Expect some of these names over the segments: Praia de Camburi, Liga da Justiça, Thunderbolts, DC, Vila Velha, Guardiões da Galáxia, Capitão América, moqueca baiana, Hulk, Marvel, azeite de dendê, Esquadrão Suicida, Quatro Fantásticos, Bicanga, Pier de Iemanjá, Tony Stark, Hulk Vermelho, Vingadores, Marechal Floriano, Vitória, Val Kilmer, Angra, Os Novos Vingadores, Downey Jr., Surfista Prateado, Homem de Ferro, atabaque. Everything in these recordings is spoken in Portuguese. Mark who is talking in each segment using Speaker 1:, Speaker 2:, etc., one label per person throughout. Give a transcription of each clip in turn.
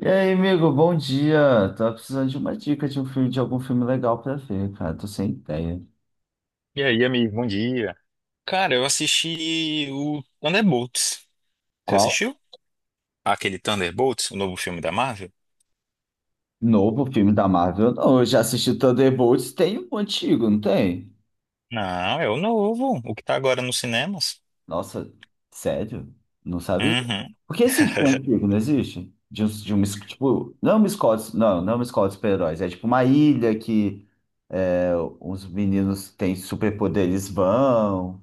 Speaker 1: E aí, amigo, bom dia. Tava precisando de uma dica de um filme, de algum filme legal pra ver, cara. Tô sem ideia.
Speaker 2: E aí, amigo, bom dia. Cara, eu assisti o Thunderbolts. Você
Speaker 1: Qual
Speaker 2: assistiu? Aquele Thunderbolts, o novo filme da Marvel?
Speaker 1: novo filme da Marvel? Não, eu já assisti Thunderbolts, tem um antigo, não tem?
Speaker 2: Não, é o novo, o que tá agora nos cinemas.
Speaker 1: Nossa, sério? Não sabia?
Speaker 2: Uhum.
Speaker 1: Por que existe um antigo, não existe? De, um, de uma, es- tipo, não é uma escola, não, não é uma escola de super-heróis, é tipo uma ilha que é, uns meninos que têm superpoderes vão,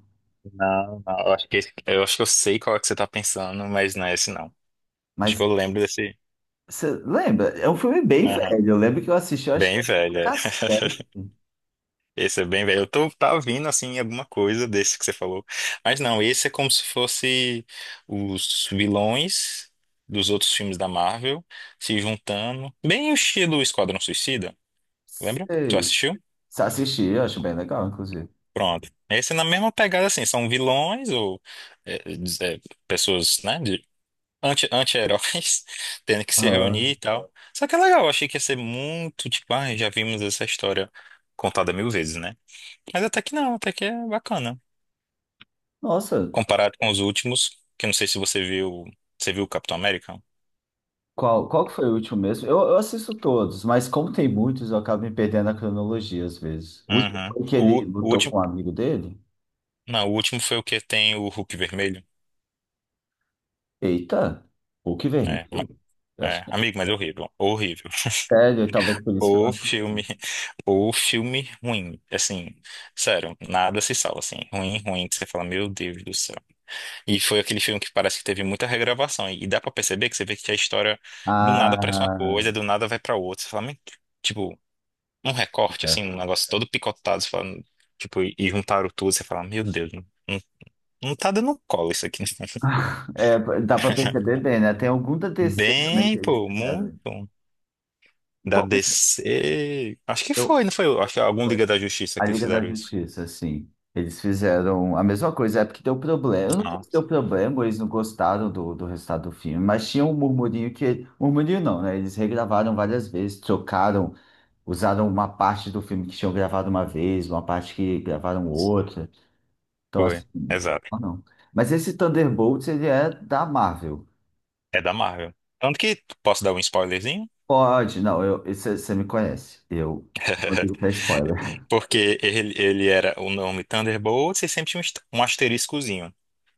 Speaker 2: Não, não, eu acho que, eu acho que eu sei qual é que você tá pensando, mas não é esse não. Acho que
Speaker 1: mas
Speaker 2: eu lembro desse.
Speaker 1: você lembra? É um filme bem
Speaker 2: Aham.
Speaker 1: velho. Eu lembro que eu assisti, eu acho que
Speaker 2: Bem
Speaker 1: no
Speaker 2: velho.
Speaker 1: cassete.
Speaker 2: Esse é bem velho. Tá vindo assim alguma coisa desse que você falou. Mas não, esse é como se fosse os vilões dos outros filmes da Marvel se juntando. Bem o estilo Esquadrão Suicida, lembra? Tu
Speaker 1: Sei.
Speaker 2: assistiu?
Speaker 1: Se assisti, eu acho bem legal, inclusive.
Speaker 2: Pronto. Esse é na mesma pegada assim, são vilões ou é, é, pessoas, né, de anti-heróis tendo que se reunir
Speaker 1: Aham.
Speaker 2: e tal. Só que é legal, eu achei que ia ser muito, tipo, ah, já vimos essa história contada mil vezes, né? Mas até que não, até que é bacana.
Speaker 1: Nossa,
Speaker 2: Comparado com os últimos, que eu não sei se você viu. Você viu o Capitão América?
Speaker 1: qual que foi o último mesmo? Eu assisto todos, mas como tem muitos, eu acabo me perdendo na cronologia às vezes. O último
Speaker 2: Uhum.
Speaker 1: foi que ele
Speaker 2: O
Speaker 1: lutou com um
Speaker 2: último.
Speaker 1: amigo dele?
Speaker 2: Não, o último foi o que tem o Hulk vermelho.
Speaker 1: Eita, Hulk
Speaker 2: É, ma-
Speaker 1: Vermelho? Eu acho
Speaker 2: é,
Speaker 1: que é
Speaker 2: amigo, mas é horrível. Horrível.
Speaker 1: sério, talvez por isso que eu não
Speaker 2: O filme.
Speaker 1: assisti.
Speaker 2: O filme ruim. Assim, sério, nada se salva, assim. Ruim, ruim, que você fala, meu Deus do céu. E foi aquele filme que parece que teve muita regravação. E dá pra perceber que você vê que a história do nada parece uma
Speaker 1: Ah,
Speaker 2: coisa, do nada vai pra outra. Você fala, "Meu Deus.", tipo, um recorte, assim, um negócio todo picotado, você fala, tipo, e juntaram tudo, você fala, meu Deus, não não tá dando cola isso aqui, né?
Speaker 1: é, dá pra perceber bem, né? Tem algum da DC também que
Speaker 2: Bem,
Speaker 1: eles
Speaker 2: pô,
Speaker 1: fizeram.
Speaker 2: muito. Da
Speaker 1: Pô, mas
Speaker 2: DC. Acho que
Speaker 1: eu,
Speaker 2: foi, não foi? Acho que algum Liga da Justiça
Speaker 1: a
Speaker 2: que eles
Speaker 1: Liga da
Speaker 2: fizeram isso.
Speaker 1: Justiça, sim. Eles fizeram a mesma coisa, é porque deu problema. Eu não sei
Speaker 2: Não,
Speaker 1: se deu problema, eles não gostaram do resultado do filme, mas tinha um murmurinho que. Murmurinho não, né? Eles regravaram várias vezes, trocaram, usaram uma parte do filme que tinham gravado uma vez, uma parte que gravaram outra. Então, assim,
Speaker 2: foi. Exato.
Speaker 1: não. Não. Mas esse Thunderbolts, ele é da Marvel.
Speaker 2: É da Marvel. Tanto que posso dar um spoilerzinho?
Speaker 1: Pode, não, eu, você me conhece. Eu vou dar spoiler.
Speaker 2: Porque ele era o nome Thunderbolts e sempre tinha um um asteriscozinho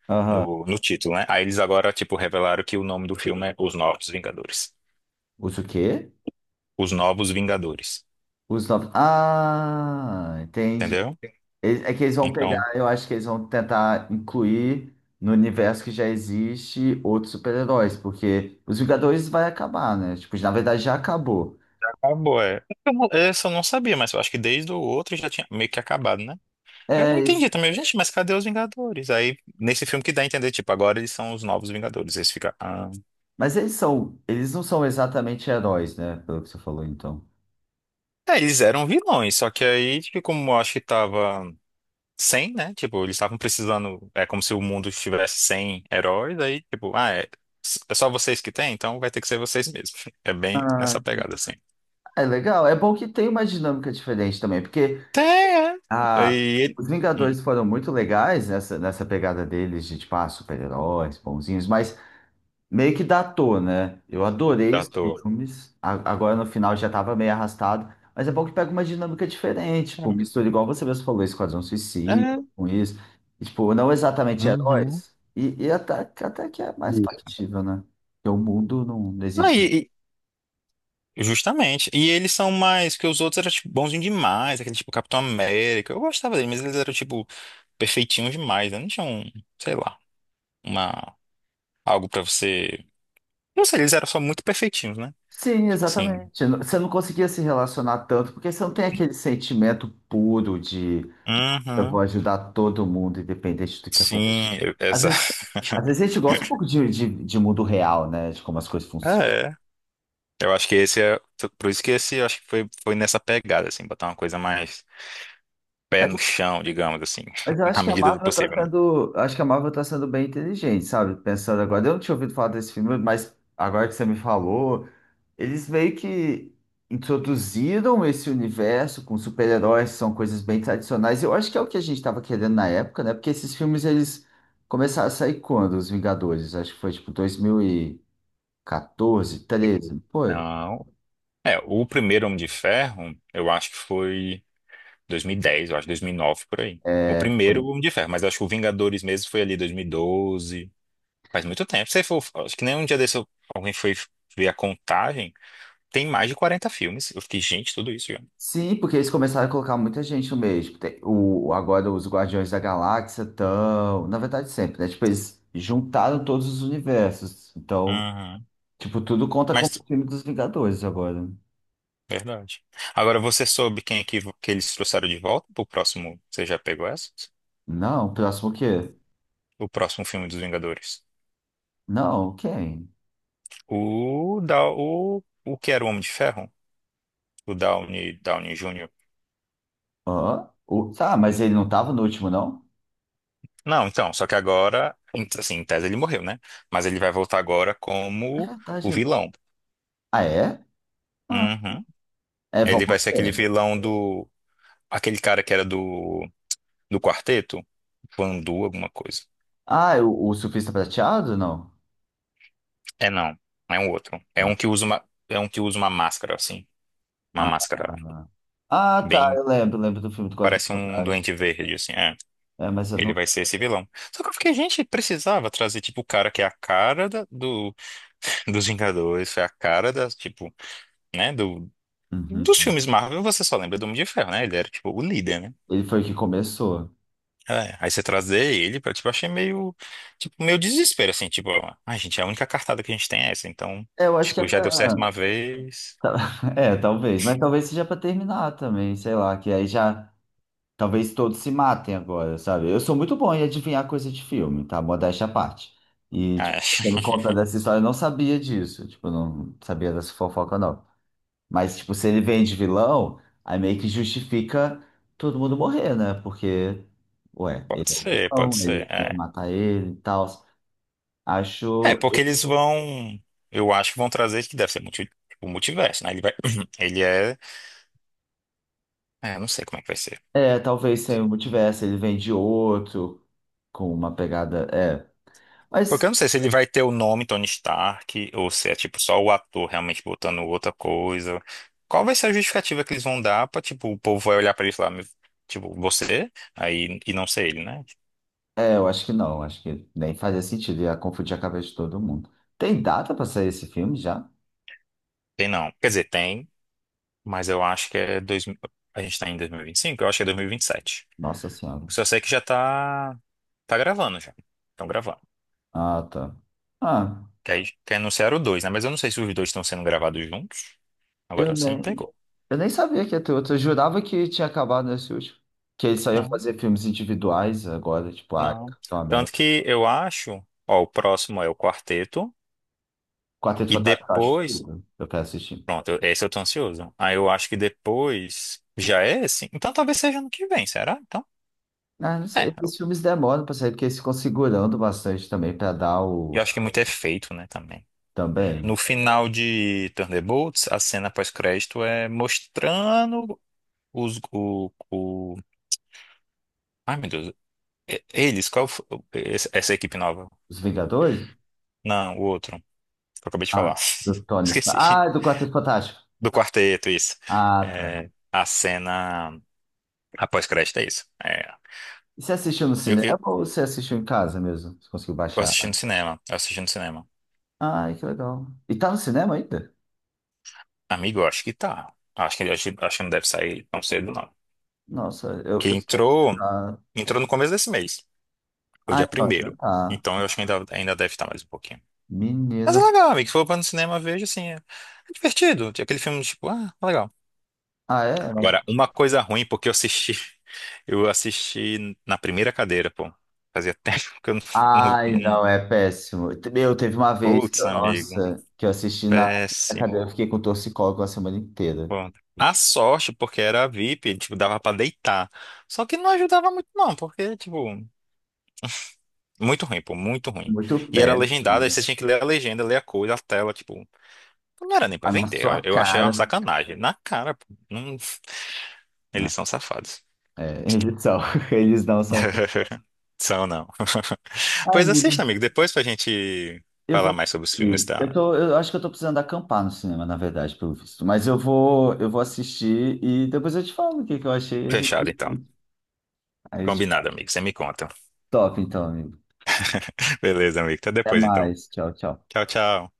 Speaker 1: Aham.
Speaker 2: no título, né? Aí eles agora, tipo, revelaram que o nome do filme é Os Novos Vingadores.
Speaker 1: Usa o quê?
Speaker 2: Os Novos Vingadores.
Speaker 1: Os novos. Ah, entendi.
Speaker 2: Entendeu?
Speaker 1: É que eles vão pegar,
Speaker 2: Então,
Speaker 1: eu acho que eles vão tentar incluir no universo que já existe outros super-heróis, porque os Vingadores vai acabar, né? Tipo, na verdade já acabou.
Speaker 2: acabou, é. Eu não- Essa eu não sabia, mas eu acho que desde o outro já tinha meio que acabado, né? Eu
Speaker 1: É,
Speaker 2: não entendi
Speaker 1: eles-
Speaker 2: também, gente, mas cadê os Vingadores? Aí, nesse filme que dá a entender, tipo, agora eles são os novos Vingadores. Eles ficam. Ah.
Speaker 1: mas eles são, eles não são exatamente heróis, né? Pelo que você falou, então.
Speaker 2: É, eles eram vilões, só que aí, tipo, como eu acho que tava sem, né? Tipo, eles estavam precisando. É como se o mundo estivesse sem heróis, aí, tipo, ah, é, é só vocês que tem, então vai ter que ser vocês mesmos. É bem
Speaker 1: Ah,
Speaker 2: nessa pegada, assim.
Speaker 1: é legal, é bom que tem uma dinâmica diferente também, porque
Speaker 2: Tem, é.
Speaker 1: ah,
Speaker 2: E.
Speaker 1: os
Speaker 2: Hum,
Speaker 1: Vingadores foram muito legais nessa pegada deles de, tipo, ah, super-heróis, bonzinhos, mas meio que datou, né? Eu adorei
Speaker 2: da
Speaker 1: os
Speaker 2: toa.
Speaker 1: filmes. Agora no final já tava meio arrastado. Mas é bom que pega uma dinâmica diferente. Tipo,
Speaker 2: É.
Speaker 1: mistura igual você mesmo falou, Esquadrão Suicida
Speaker 2: É.
Speaker 1: com isso. E, tipo, não exatamente
Speaker 2: Uhum.
Speaker 1: heróis. E até, até que é mais
Speaker 2: Isso.
Speaker 1: factível, né? Porque o mundo não, não
Speaker 2: Não,
Speaker 1: existe.
Speaker 2: e- justamente. E eles são mais que os outros eram tipo, bonzinhos demais, aquele tipo Capitão América. Eu gostava dele, mas eles eram tipo perfeitinhos demais, né? Não tinham, sei lá, uma algo pra você. Não sei, eles eram só muito perfeitinhos, né?
Speaker 1: Sim,
Speaker 2: Tipo assim.
Speaker 1: exatamente. Você não conseguia se relacionar tanto, porque você não tem aquele sentimento puro. Eu vou
Speaker 2: Uhum.
Speaker 1: ajudar todo mundo, independente do que acontecer.
Speaker 2: Sim,
Speaker 1: Às
Speaker 2: exato.
Speaker 1: vezes, às vezes a gente gosta um pouco de mundo real, né? De como as coisas funcionam.
Speaker 2: É. Eu acho que esse é. Por isso que esse eu acho que foi nessa pegada, assim, botar uma coisa mais pé
Speaker 1: Mas,
Speaker 2: no chão, digamos assim,
Speaker 1: mas eu acho
Speaker 2: na
Speaker 1: que a
Speaker 2: medida do
Speaker 1: Marvel tá
Speaker 2: possível, né?
Speaker 1: sendo, eu acho que a Marvel tá sendo bem inteligente, sabe? Pensando agora, eu não tinha ouvido falar desse filme, mas agora que você me falou, eles meio que introduziram esse universo com super-heróis, são coisas bem tradicionais. Eu acho que é o que a gente estava querendo na época, né? Porque esses filmes eles começaram a sair quando? Os Vingadores, acho que foi tipo 2000 e 14, 13 foi.
Speaker 2: Não. É, o primeiro Homem de Ferro, eu acho que foi 2010, eu acho, 2009 por aí. O
Speaker 1: É, foi.
Speaker 2: primeiro Homem de Ferro, mas acho que o Vingadores mesmo foi ali 2012. Faz muito tempo. Se for, acho que nem um dia desse alguém foi ver a contagem. Tem mais de 40 filmes. Eu fiquei, gente, tudo isso já.
Speaker 1: Sim, porque eles começaram a colocar muita gente no meio. O, agora os Guardiões da Galáxia estão. Na verdade, sempre, né? Tipo, eles juntaram todos os universos. Então,
Speaker 2: Uhum.
Speaker 1: tipo, tudo conta como
Speaker 2: Mas,
Speaker 1: o filme dos Vingadores agora.
Speaker 2: verdade. Agora, você soube quem é que eles trouxeram de volta pro próximo? Você já pegou essa?
Speaker 1: Não, próximo o quê?
Speaker 2: O próximo filme dos Vingadores.
Speaker 1: Não, quem?
Speaker 2: O que era o Homem de Ferro? O Downey, Downey Jr.
Speaker 1: Hã? O, tá, mas ele não tava no último, não?
Speaker 2: Não, então, só que agora, assim, em tese ele morreu, né? Mas ele vai voltar agora
Speaker 1: É
Speaker 2: como o
Speaker 1: verdade.
Speaker 2: vilão.
Speaker 1: Ah, é? Ah,
Speaker 2: Uhum.
Speaker 1: é Val
Speaker 2: Ele vai ser aquele
Speaker 1: Kilmer.
Speaker 2: vilão do. Aquele cara que era do quarteto? Vandu, alguma coisa.
Speaker 1: Ah, é o Surfista Prateado? Não.
Speaker 2: É não, é um outro. É um que usa uma máscara, assim. Uma
Speaker 1: Ah,
Speaker 2: máscara
Speaker 1: ah, ah. Ah, tá,
Speaker 2: bem.
Speaker 1: eu lembro, lembro do filme do Quatro
Speaker 2: Parece um
Speaker 1: Fantásticos.
Speaker 2: doente verde, assim. É.
Speaker 1: É, mas eu
Speaker 2: Ele
Speaker 1: não.
Speaker 2: vai ser esse vilão. Só que eu fiquei, gente, precisava trazer, tipo, o cara que é a cara do, dos Vingadores, foi a cara das, tipo, né, do, dos
Speaker 1: Uhum.
Speaker 2: filmes Marvel, você só lembra do Homem de Ferro, né? Ele era, tipo, o líder, né?
Speaker 1: Ele foi o que começou.
Speaker 2: É, aí você trazer ele pra, tipo, eu achei meio, tipo, meio desespero, assim, tipo, ai, gente, a única cartada que a gente tem é essa, então,
Speaker 1: É, eu acho que é
Speaker 2: tipo, já deu certo
Speaker 1: pra...
Speaker 2: uma vez.
Speaker 1: É, talvez, mas talvez seja pra terminar também, sei lá, que aí já. Talvez todos se matem agora, sabe? Eu sou muito bom em adivinhar coisa de filme, tá? Modéstia à parte. E, tipo,
Speaker 2: É,
Speaker 1: por conta dessa história, eu não sabia disso. Tipo, eu não sabia dessa fofoca, não. Mas, tipo, se ele vem de vilão, aí meio que justifica todo mundo morrer, né? Porque, ué, ele é o
Speaker 2: pode
Speaker 1: vilão, eles
Speaker 2: ser,
Speaker 1: tentam
Speaker 2: é.
Speaker 1: matar ele e tal.
Speaker 2: É,
Speaker 1: Acho.
Speaker 2: porque eles vão, eu acho que vão trazer que deve ser multi, tipo, multiverso, né? Ele vai, ele é, é, não sei como é que vai ser.
Speaker 1: É, talvez se eu não tivesse, ele vem de outro, com uma pegada. É.
Speaker 2: Porque
Speaker 1: Mas,
Speaker 2: eu não sei se ele vai ter o nome Tony Stark ou se é tipo só o ator realmente botando outra coisa. Qual vai ser a justificativa que eles vão dar pra, tipo, o povo vai olhar pra ele e falar, "Meu- tipo, você? Aí, e não ser ele, né?"
Speaker 1: eu acho que não. Acho que nem fazia sentido. Ia confundir a cabeça de todo mundo. Tem data pra sair esse filme já?
Speaker 2: Tem não. Quer dizer, tem, mas eu acho que a gente tá em dois mil e vinte e cinco. Eu acho que é 2027.
Speaker 1: Nossa Senhora.
Speaker 2: Só sei que tá gravando já. Estão gravando.
Speaker 1: Ah, tá. Ah,
Speaker 2: Que aí que anunciaram o dois, né? Mas eu não sei se os dois estão sendo gravados juntos.
Speaker 1: eu
Speaker 2: Agora você me
Speaker 1: nem.
Speaker 2: pegou.
Speaker 1: Eu nem sabia que ia ter outro. Eu jurava que tinha acabado nesse último. Que ele só ia fazer filmes individuais agora, tipo, ah,
Speaker 2: Não.
Speaker 1: Capitão
Speaker 2: Tanto
Speaker 1: América.
Speaker 2: que eu acho, ó, o próximo é o quarteto,
Speaker 1: Quarteto
Speaker 2: e
Speaker 1: Fantástico, eu acho
Speaker 2: depois.
Speaker 1: tudo. Eu quero assistir.
Speaker 2: Pronto, esse eu tô ansioso. Aí eu acho que depois já é esse. Então talvez seja ano que vem, será? Então,
Speaker 1: Ah, não sei.
Speaker 2: é.
Speaker 1: Esses filmes demoram pra sair, porque eles ficam segurando bastante também pra dar
Speaker 2: Eu
Speaker 1: o.
Speaker 2: acho que muito é feito, né, também.
Speaker 1: Também.
Speaker 2: No final de Thunderbolts, a cena pós-crédito é mostrando os. O... Ai, meu Deus. Eles, qual foi, essa equipe nova?
Speaker 1: Os Vingadores?
Speaker 2: Não, o outro. Que eu acabei de
Speaker 1: Ah,
Speaker 2: falar.
Speaker 1: do Tony Stark.
Speaker 2: Esqueci.
Speaker 1: Ah, do Quarteto Fantástico.
Speaker 2: Do quarteto, isso.
Speaker 1: Ah, tá.
Speaker 2: É, a cena. A pós-crédito é isso. É.
Speaker 1: E você assistiu no
Speaker 2: Eu, eu,
Speaker 1: cinema ou você assistiu em casa mesmo? Você conseguiu
Speaker 2: eu
Speaker 1: baixar?
Speaker 2: assisti no cinema. Eu assisti no cinema.
Speaker 1: Ai, que legal. E tá no cinema ainda?
Speaker 2: Amigo, eu acho que tá. Acho que, acho que não deve sair tão cedo, não.
Speaker 1: Nossa,
Speaker 2: Que
Speaker 1: eu...
Speaker 2: entrou,
Speaker 1: ah, é.
Speaker 2: entrou no começo desse mês. Foi
Speaker 1: Ah,
Speaker 2: dia
Speaker 1: então, já
Speaker 2: primeiro.
Speaker 1: tá.
Speaker 2: Então eu acho que ainda deve estar mais um pouquinho. Mas é
Speaker 1: Menino.
Speaker 2: legal, amigo. Se for pra no cinema, veja assim. É, é divertido. Tem aquele filme, tipo, ah, é legal.
Speaker 1: Ah, é? Mas-
Speaker 2: Agora, uma coisa ruim, porque eu assisti. Eu assisti na primeira cadeira, pô. Fazia tempo que eu não. não-
Speaker 1: Ai,
Speaker 2: não-
Speaker 1: não, é péssimo. Eu teve uma vez que,
Speaker 2: Putz, amigo.
Speaker 1: nossa, que eu assisti na na cadeira, eu
Speaker 2: Péssimo.
Speaker 1: fiquei com torcicolo a semana inteira.
Speaker 2: Bom, a sorte, porque era VIP, tipo, dava pra deitar. Só que não ajudava muito, não, porque, tipo, muito ruim, pô, muito ruim.
Speaker 1: Muito
Speaker 2: E era
Speaker 1: péssimo.
Speaker 2: legendado, aí você tinha que ler a legenda, ler a coisa, a tela, tipo, então não era nem pra
Speaker 1: A na
Speaker 2: vender. Eu
Speaker 1: sua
Speaker 2: eu achei uma
Speaker 1: cara.
Speaker 2: sacanagem. Na cara, pô.
Speaker 1: Não,
Speaker 2: Eles são safados.
Speaker 1: é, eles são, eles não são.
Speaker 2: São, não.
Speaker 1: Ah,
Speaker 2: Pois
Speaker 1: amigo,
Speaker 2: assista, amigo, depois pra gente
Speaker 1: eu
Speaker 2: falar
Speaker 1: vou.
Speaker 2: mais sobre os filmes,
Speaker 1: Eu
Speaker 2: tá?
Speaker 1: tô, eu acho que eu tô precisando acampar no cinema, na verdade, pelo visto. Eu vou assistir e depois eu te falo o que que eu achei. A
Speaker 2: Fechado,
Speaker 1: gente...
Speaker 2: então.
Speaker 1: aí eu te
Speaker 2: Combinado,
Speaker 1: falo.
Speaker 2: amigo, você me conta.
Speaker 1: Top, então, amigo.
Speaker 2: Beleza, amigo, até
Speaker 1: Até
Speaker 2: depois, então.
Speaker 1: mais. Tchau, tchau.
Speaker 2: Tchau, tchau.